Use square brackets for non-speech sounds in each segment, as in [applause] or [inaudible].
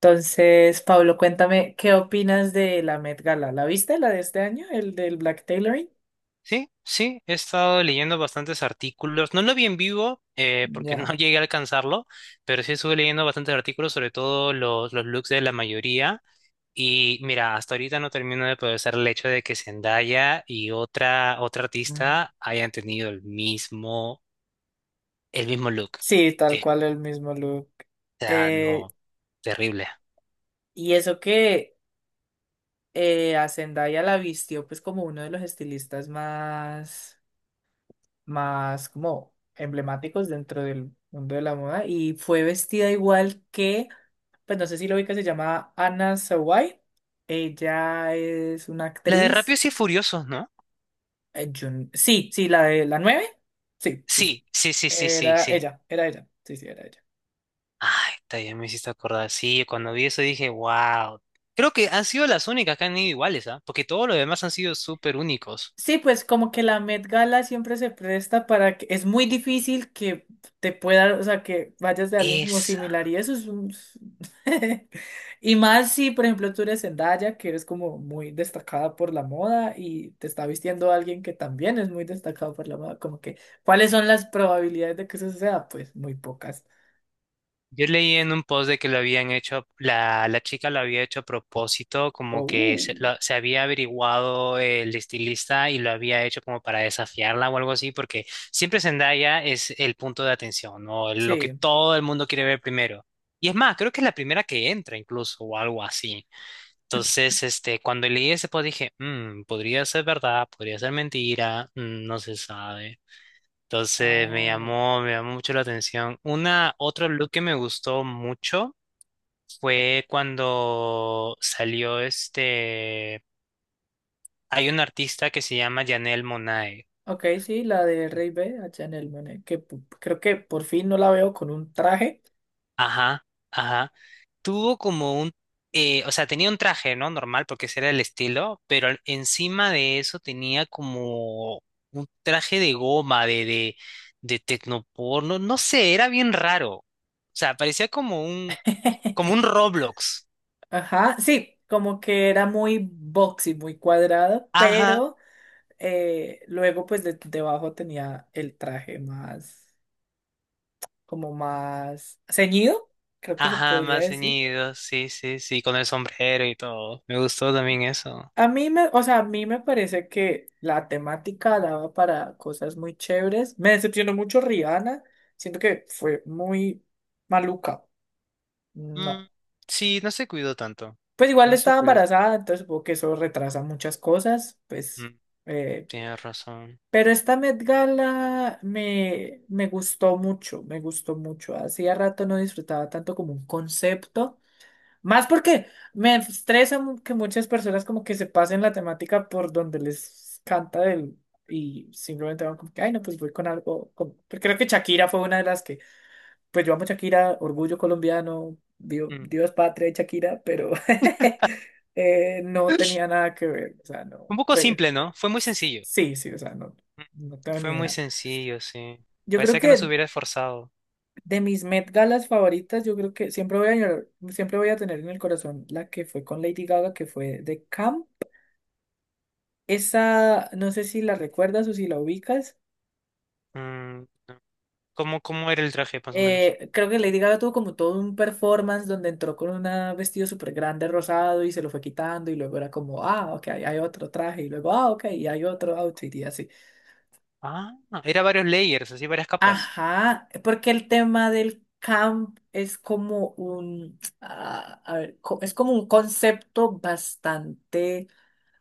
Entonces, Pablo, cuéntame, ¿qué opinas de la Met Gala? ¿La viste, la de este año, el del Black Tailoring? Sí, sí, he estado leyendo bastantes artículos. No lo vi en vivo porque no Ya. [laughs] llegué a alcanzarlo, pero sí estuve leyendo bastantes artículos, sobre todo los looks de la mayoría. Y mira, hasta ahorita no termino de procesar el hecho de que Zendaya y otra Mm. artista hayan tenido el mismo look. Sí, tal O cual el mismo look. sea, Eh, no, terrible. y eso que a Zendaya la vistió pues como uno de los estilistas más, más como emblemáticos dentro del mundo de la moda y fue vestida igual que, pues no sé si lo ubicas, se llama Anna Sawai. Ella es una La de actriz. Rápidos y Furiosos, ¿no? Sí, sí, la de la nueve. Sí, sí, sí. Sí, sí, sí, sí, sí, Era sí. ella, era ella. Sí, sí, era ella. Ay, está, ya me hiciste acordar. Sí, cuando vi eso dije, wow. Creo que han sido las únicas que han ido iguales, ¿ah? Porque todos los demás han sido súper únicos. Sí, pues como que la Met Gala siempre se presta para que es muy difícil que te pueda, o sea, que vayas de alguien como Esa. similar y eso es un... [laughs] Y más si, por ejemplo, tú eres Zendaya, que eres como muy destacada por la moda y te está vistiendo alguien que también es muy destacado por la moda, como que, ¿cuáles son las probabilidades de que eso sea? Pues muy pocas. Yo leí en un post de que lo habían hecho, la chica lo había hecho a propósito, como que Oh, uh, se había averiguado el estilista y lo había hecho como para desafiarla o algo así, porque siempre Zendaya es el punto de atención, ¿no? Lo que sí. todo el mundo quiere ver primero. Y es más, creo que es la primera que entra incluso o algo así. Entonces, cuando leí ese post dije, podría ser verdad, podría ser mentira, no se sabe. Entonces Ah, me llamó mucho la atención. Otro look que me gustó mucho fue cuando salió hay un artista que se llama Janelle Monáe. ok, sí, la de Rey B, a Chanel Monáe, que pu- creo que por fin no la veo con un traje. Ajá, ajá. Tuvo como o sea, tenía un traje, ¿no? Normal, porque ese era el estilo, pero encima de eso tenía como un traje de goma, de tecnoporno, no sé, era bien raro. O sea, parecía como como [laughs] un Roblox. Ajá, sí, como que era muy boxy, muy cuadrado, Ajá, pero luego pues de- debajo tenía el traje más, como más ceñido, creo que se ajá, podría más decir. ceñido, sí, sí, sí, con el sombrero y todo. Me gustó también eso. A mí me, o sea, a mí me parece que la temática daba para cosas muy chéveres. Me decepcionó mucho Rihanna, siento que fue muy maluca. No. Mm, sí, no se cuidó tanto. Pues igual No se estaba cuidó. Embarazada, entonces supongo que eso retrasa muchas cosas, pues. Mm, eh, tienes razón. pero esta Met Gala me, me gustó mucho, me gustó mucho. Hacía rato no disfrutaba tanto como un concepto. Más porque me estresa mu- que muchas personas como que se pasen la temática por donde les canta del, y simplemente van como que, ay, no, pues voy con algo. Con-". Creo que Shakira fue una de las que pues yo amo Shakira, orgullo colombiano, Dios, Mm. Dios patria y Shakira, pero [laughs] no tenía [laughs] nada que ver, o sea, no, Un poco fue, simple, ¿no? Fue muy sencillo. sí, sí, o sea, no, no tengo ni Fue muy idea. sencillo, sí. Yo creo Parecía que no se que hubiera esforzado. de mis Met Galas favoritas, yo creo que siempre voy a, llorar- siempre voy a tener en el corazón la que fue con Lady Gaga, que fue de Camp. Esa, no sé si la recuerdas o si la ubicas. Mm, ¿cómo, cómo era el traje, más o menos? Creo que Lady Gaga tuvo como todo un performance donde entró con un vestido súper grande rosado y se lo fue quitando y luego era como, ah, ok, hay otro traje y luego, ah, ok, y hay otro outfit y así. Ah, era varios layers, así varias capas. Ajá, porque el tema del camp es como un, ah, a ver, co- es como un concepto bastante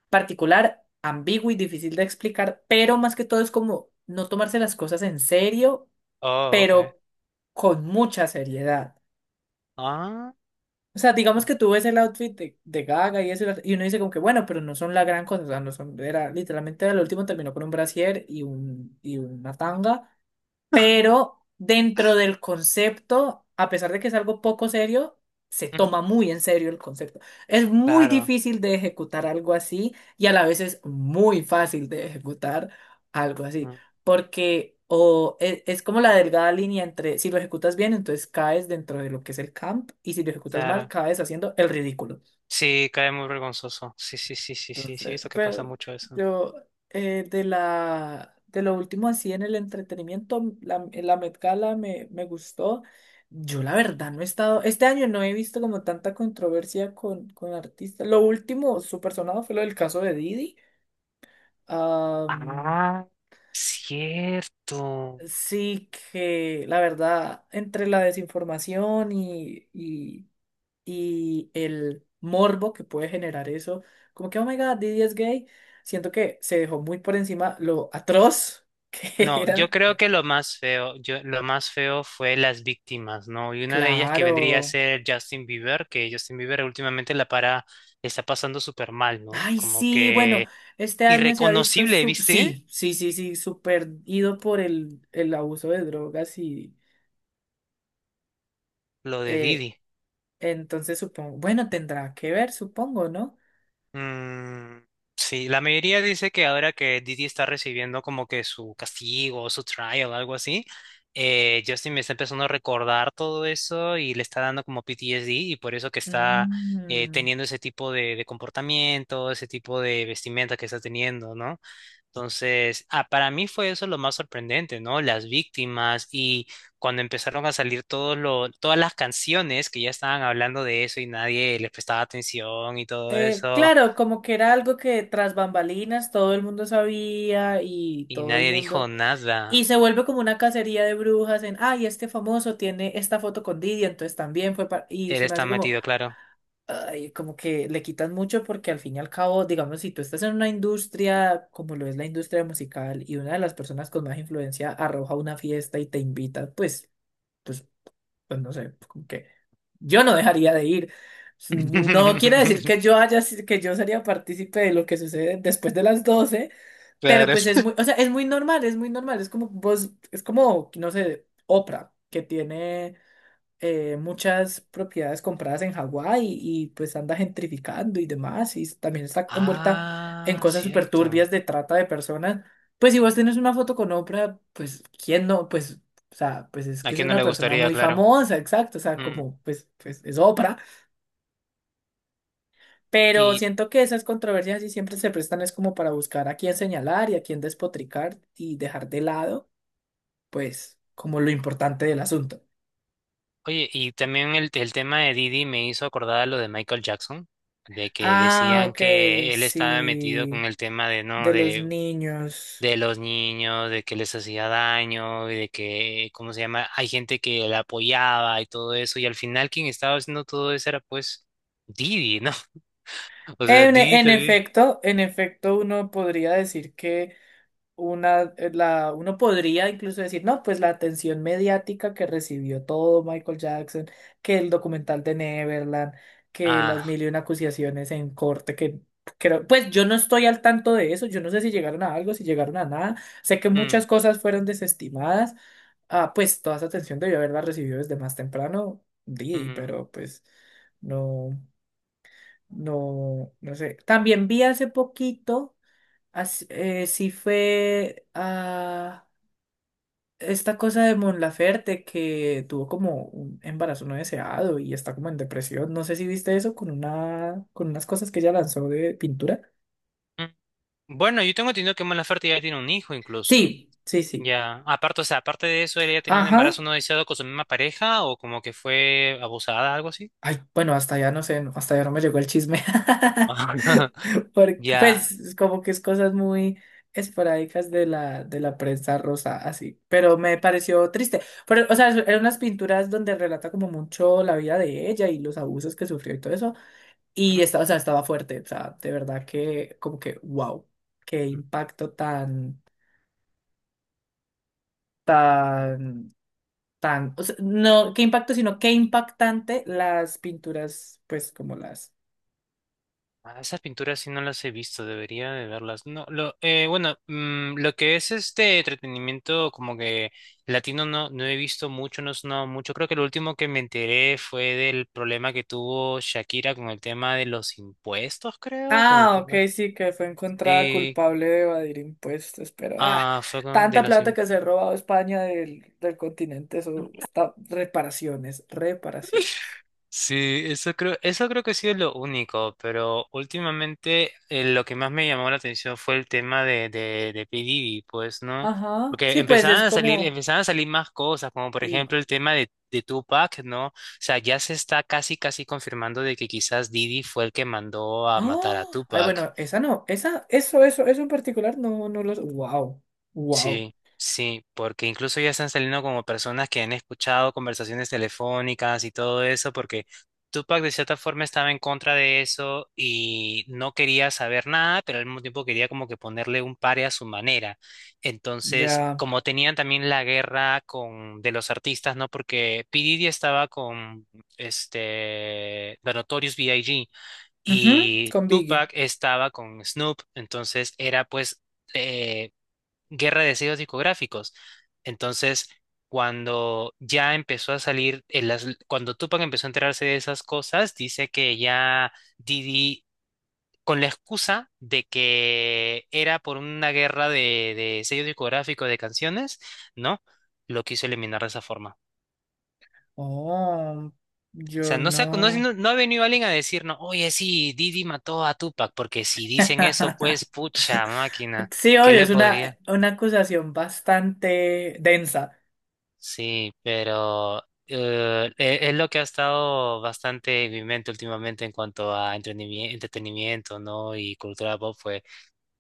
particular, ambiguo y difícil de explicar, pero más que todo es como no tomarse las cosas en serio, Oh, ok. pero con mucha seriedad. Ah, O sea, digamos que tú ves el outfit de Gaga y eso, y uno dice como que bueno, pero no son la gran cosa, o sea, no son, era literalmente el último terminó con un brasier y un, y una tanga pero dentro del concepto, a pesar de que es algo poco serio, se ujú, toma muy en serio el concepto. Es muy claro, difícil de ejecutar algo así y a la vez es muy fácil de ejecutar algo así, mm, porque o e- es, como la delgada línea entre si lo ejecutas bien, entonces caes dentro de lo que es el camp y si lo ejecutas mal, claro. caes haciendo el ridículo. Sí, cae muy vergonzoso. Sí, sí, sí, sí, sí, sí, he Entonces, visto que pasa pero mucho eso. yo de la de lo último así en el entretenimiento, la Met Gala me, me gustó. Yo la verdad no he estado, este año no he visto como tanta controversia con artistas. Lo último súper sonado fue lo del caso de Didi. Am, Ah, cierto. sí que la verdad, entre la desinformación y el morbo que puede generar eso, como que, oh my God, Diddy es gay, siento que se dejó muy por encima lo atroz que [laughs] No, yo era. creo que lo más feo, yo, lo más feo fue las víctimas, ¿no? Y una de ellas que vendría a Claro. ser Justin Bieber, que Justin Bieber últimamente la para, le está pasando súper mal, ¿no? Ay, Como sí, bueno, que este año se ha visto, irreconocible, su- ¿viste? sí, sí, sí, sí, súper ido por el abuso de drogas y Lo de eh, Didi. entonces supongo, bueno, tendrá que ver, supongo, ¿no? Mm, sí, la mayoría dice que ahora que Didi está recibiendo como que su castigo, su trial, algo así, Justin me está empezando a recordar todo eso y le está dando como PTSD y por eso que está Mm. teniendo ese tipo de comportamiento, ese tipo de vestimenta que está teniendo, ¿no? Entonces, ah, para mí fue eso lo más sorprendente, ¿no? Las víctimas y cuando empezaron a salir todas las canciones que ya estaban hablando de eso y nadie les prestaba atención y todo eso. Claro, como que era algo que tras bambalinas todo el mundo sabía y Y todo el nadie mundo. dijo Y nada. se vuelve como una cacería de brujas en, ay, este famoso tiene esta foto con Didi, entonces también fue para... Y Él se me está hace como, metido, claro. ay, como que le quitan mucho porque al fin y al cabo, digamos, si tú estás en una industria como lo es la industria musical y una de las personas con más influencia arroja una fiesta y te invita, pues, pues, pues no sé, como que yo no dejaría de ir. No quiere decir [laughs] que yo haya, si, que yo sería partícipe de lo que sucede después de las 12 pero Claro. pues es muy, o sea, es muy normal, es muy normal. Es como vos, es como, no sé, Oprah, que tiene muchas propiedades compradas en Hawái y pues anda gentrificando y demás. Y también está envuelta en Ah, cosas súper cierto. turbias de trata de personas. Pues si vos tenés una foto con Oprah, pues quién no, pues, o sea, pues es ¿A que es quién no una le persona gustaría, muy claro? famosa, exacto. O sea, Mm. como, pues, pues es Oprah. Pero Y siento que esas controversias sí siempre se prestan es como para buscar a quién señalar y a quién despotricar y dejar de lado, pues, como lo importante del asunto. oye, y también el tema de Didi me hizo acordar a lo de Michael Jackson, de que Ah, decían ok, que él estaba metido sí, con el tema de, ¿no? de los niños. De los niños, de que les hacía daño, y de que, ¿cómo se llama? Hay gente que la apoyaba y todo eso, y al final quien estaba haciendo todo eso era pues Didi, ¿no? [laughs] O sea, Didi también. En efecto, uno podría decir que una, la, uno podría incluso decir, no, pues la atención mediática que recibió todo Michael Jackson, que el documental de Neverland, que Ah, las mil y una acusaciones en corte, que creo, pues yo no estoy al tanto de eso, yo no sé si llegaron a algo, si llegaron a nada, sé que mm, muchas cosas fueron desestimadas, ah, pues toda esa atención debió haberla recibido desde más temprano, Didi, mm, pero pues no, no, no sé. También vi hace poquito. As- sí fue a esta cosa de Mon Laferte que tuvo como un embarazo no deseado y está como en depresión. No sé si viste eso con una, con unas cosas que ella lanzó de pintura. mm. Bueno, yo tengo entendido que Mala ya tiene un hijo incluso. Sí, sí, sí. Ya, aparte, o sea, aparte de eso, ¿ella tenía un Ajá. embarazo no deseado con su misma pareja o como que fue abusada, algo así? Ay, bueno, hasta allá no sé, no- hasta allá no me llegó el chisme. [laughs] [laughs] Porque, Ya. pues, como que es cosas muy esporádicas de la prensa rosa, así. Pero me pareció triste. Pero, o sea, eran unas pinturas donde relata como mucho la vida de ella y los abusos que sufrió y todo eso. Y Mm, esta, o sea, estaba fuerte. O sea, de verdad que, como que, wow, qué impacto tan, tan, tan, o sea, no, qué impacto, sino qué impactante las pinturas, pues, como las. ah, esas pinturas sí no las he visto, debería de verlas. No, lo, bueno, mm, lo que es este entretenimiento como que latino no, no he visto mucho, no es no mucho. Creo que lo último que me enteré fue del problema que tuvo Shakira con el tema de los impuestos, creo, con el Ah, ok, tema. sí, que fue encontrada Sí, culpable de evadir impuestos, pero ah, ah, de tanta los... plata que se ha robado España del, del continente, eso está, reparaciones, reparaciones. Sí, eso creo que ha sido lo único, pero últimamente lo que más me llamó la atención fue el tema de P. Diddy, pues, ¿no? Ajá, Porque sí, pues es como, empezaban a salir más cosas, como por y, ejemplo el tema de Tupac, ¿no? O sea, ya se está casi, casi confirmando de que quizás Diddy fue el que mandó a matar ¡Ah! a Ay, Tupac. bueno, esa no, esa, eso en particular, no, no los, wow, wow, Sí, sí, porque incluso ya están saliendo como personas que han escuchado conversaciones telefónicas y todo eso, porque Tupac de cierta forma estaba en contra de eso y no quería saber nada, pero al mismo tiempo quería como que ponerle un pare a su manera. Entonces, ya, como tenían también la guerra con de los artistas, ¿no? Porque P. Diddy estaba con este The Notorious BIG ujú, y con Biggie. Tupac estaba con Snoop, entonces era pues eh, guerra de sellos discográficos. Entonces, cuando ya empezó a salir, cuando Tupac empezó a enterarse de esas cosas, dice que ya Didi, con la excusa de que era por una guerra de sellos discográficos de canciones, ¿no? Lo quiso eliminar de esa forma. Oh, O yo sea, no, no. No ha venido alguien a decirnos, oye, sí, Didi mató a Tupac, porque si dicen eso, [laughs] pues, pucha máquina, Sí, ¿qué obvio, le es podría? una acusación bastante densa. Sí, pero es lo que ha estado bastante en mi mente últimamente en cuanto a entretenimiento, ¿no? Y cultura pop fue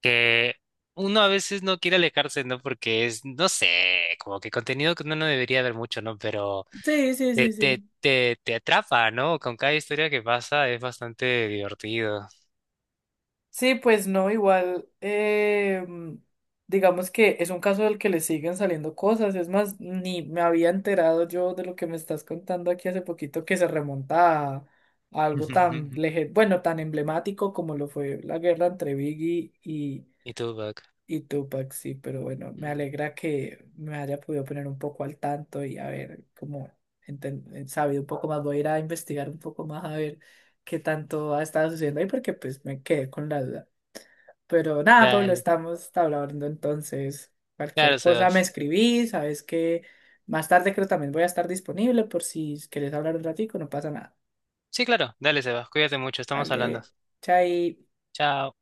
que uno a veces no quiere alejarse, ¿no? Porque es, no sé, como que contenido que uno no debería ver mucho, ¿no? Pero Sí, sí, te, sí, te, sí. te, te atrapa, ¿no? Con cada historia que pasa es bastante divertido. Sí, pues no, igual, digamos que es un caso del que le siguen saliendo cosas, es más, ni me había enterado yo de lo que me estás contando aquí hace poquito que se remonta a algo tan, [laughs] lege- bueno, tan emblemático como lo fue la guerra entre Biggie ¿Y tú, Buck? y Tupac, sí, pero bueno, me Mm. alegra que me haya podido poner un poco al tanto y a ver cómo enten- sabido un poco más. Voy a ir a investigar un poco más a ver qué tanto ha estado sucediendo ahí, porque pues me quedé con la duda. Pero nada, Pablo, Dale. estamos hablando entonces. Claro, Cualquier cosa me Sebas. escribí, sabes que más tarde creo también voy a estar disponible por si quieres hablar un ratico, no pasa nada. Sí, claro. Dale, Sebas. Cuídate mucho. Estamos hablando. Dale, chai. Chao.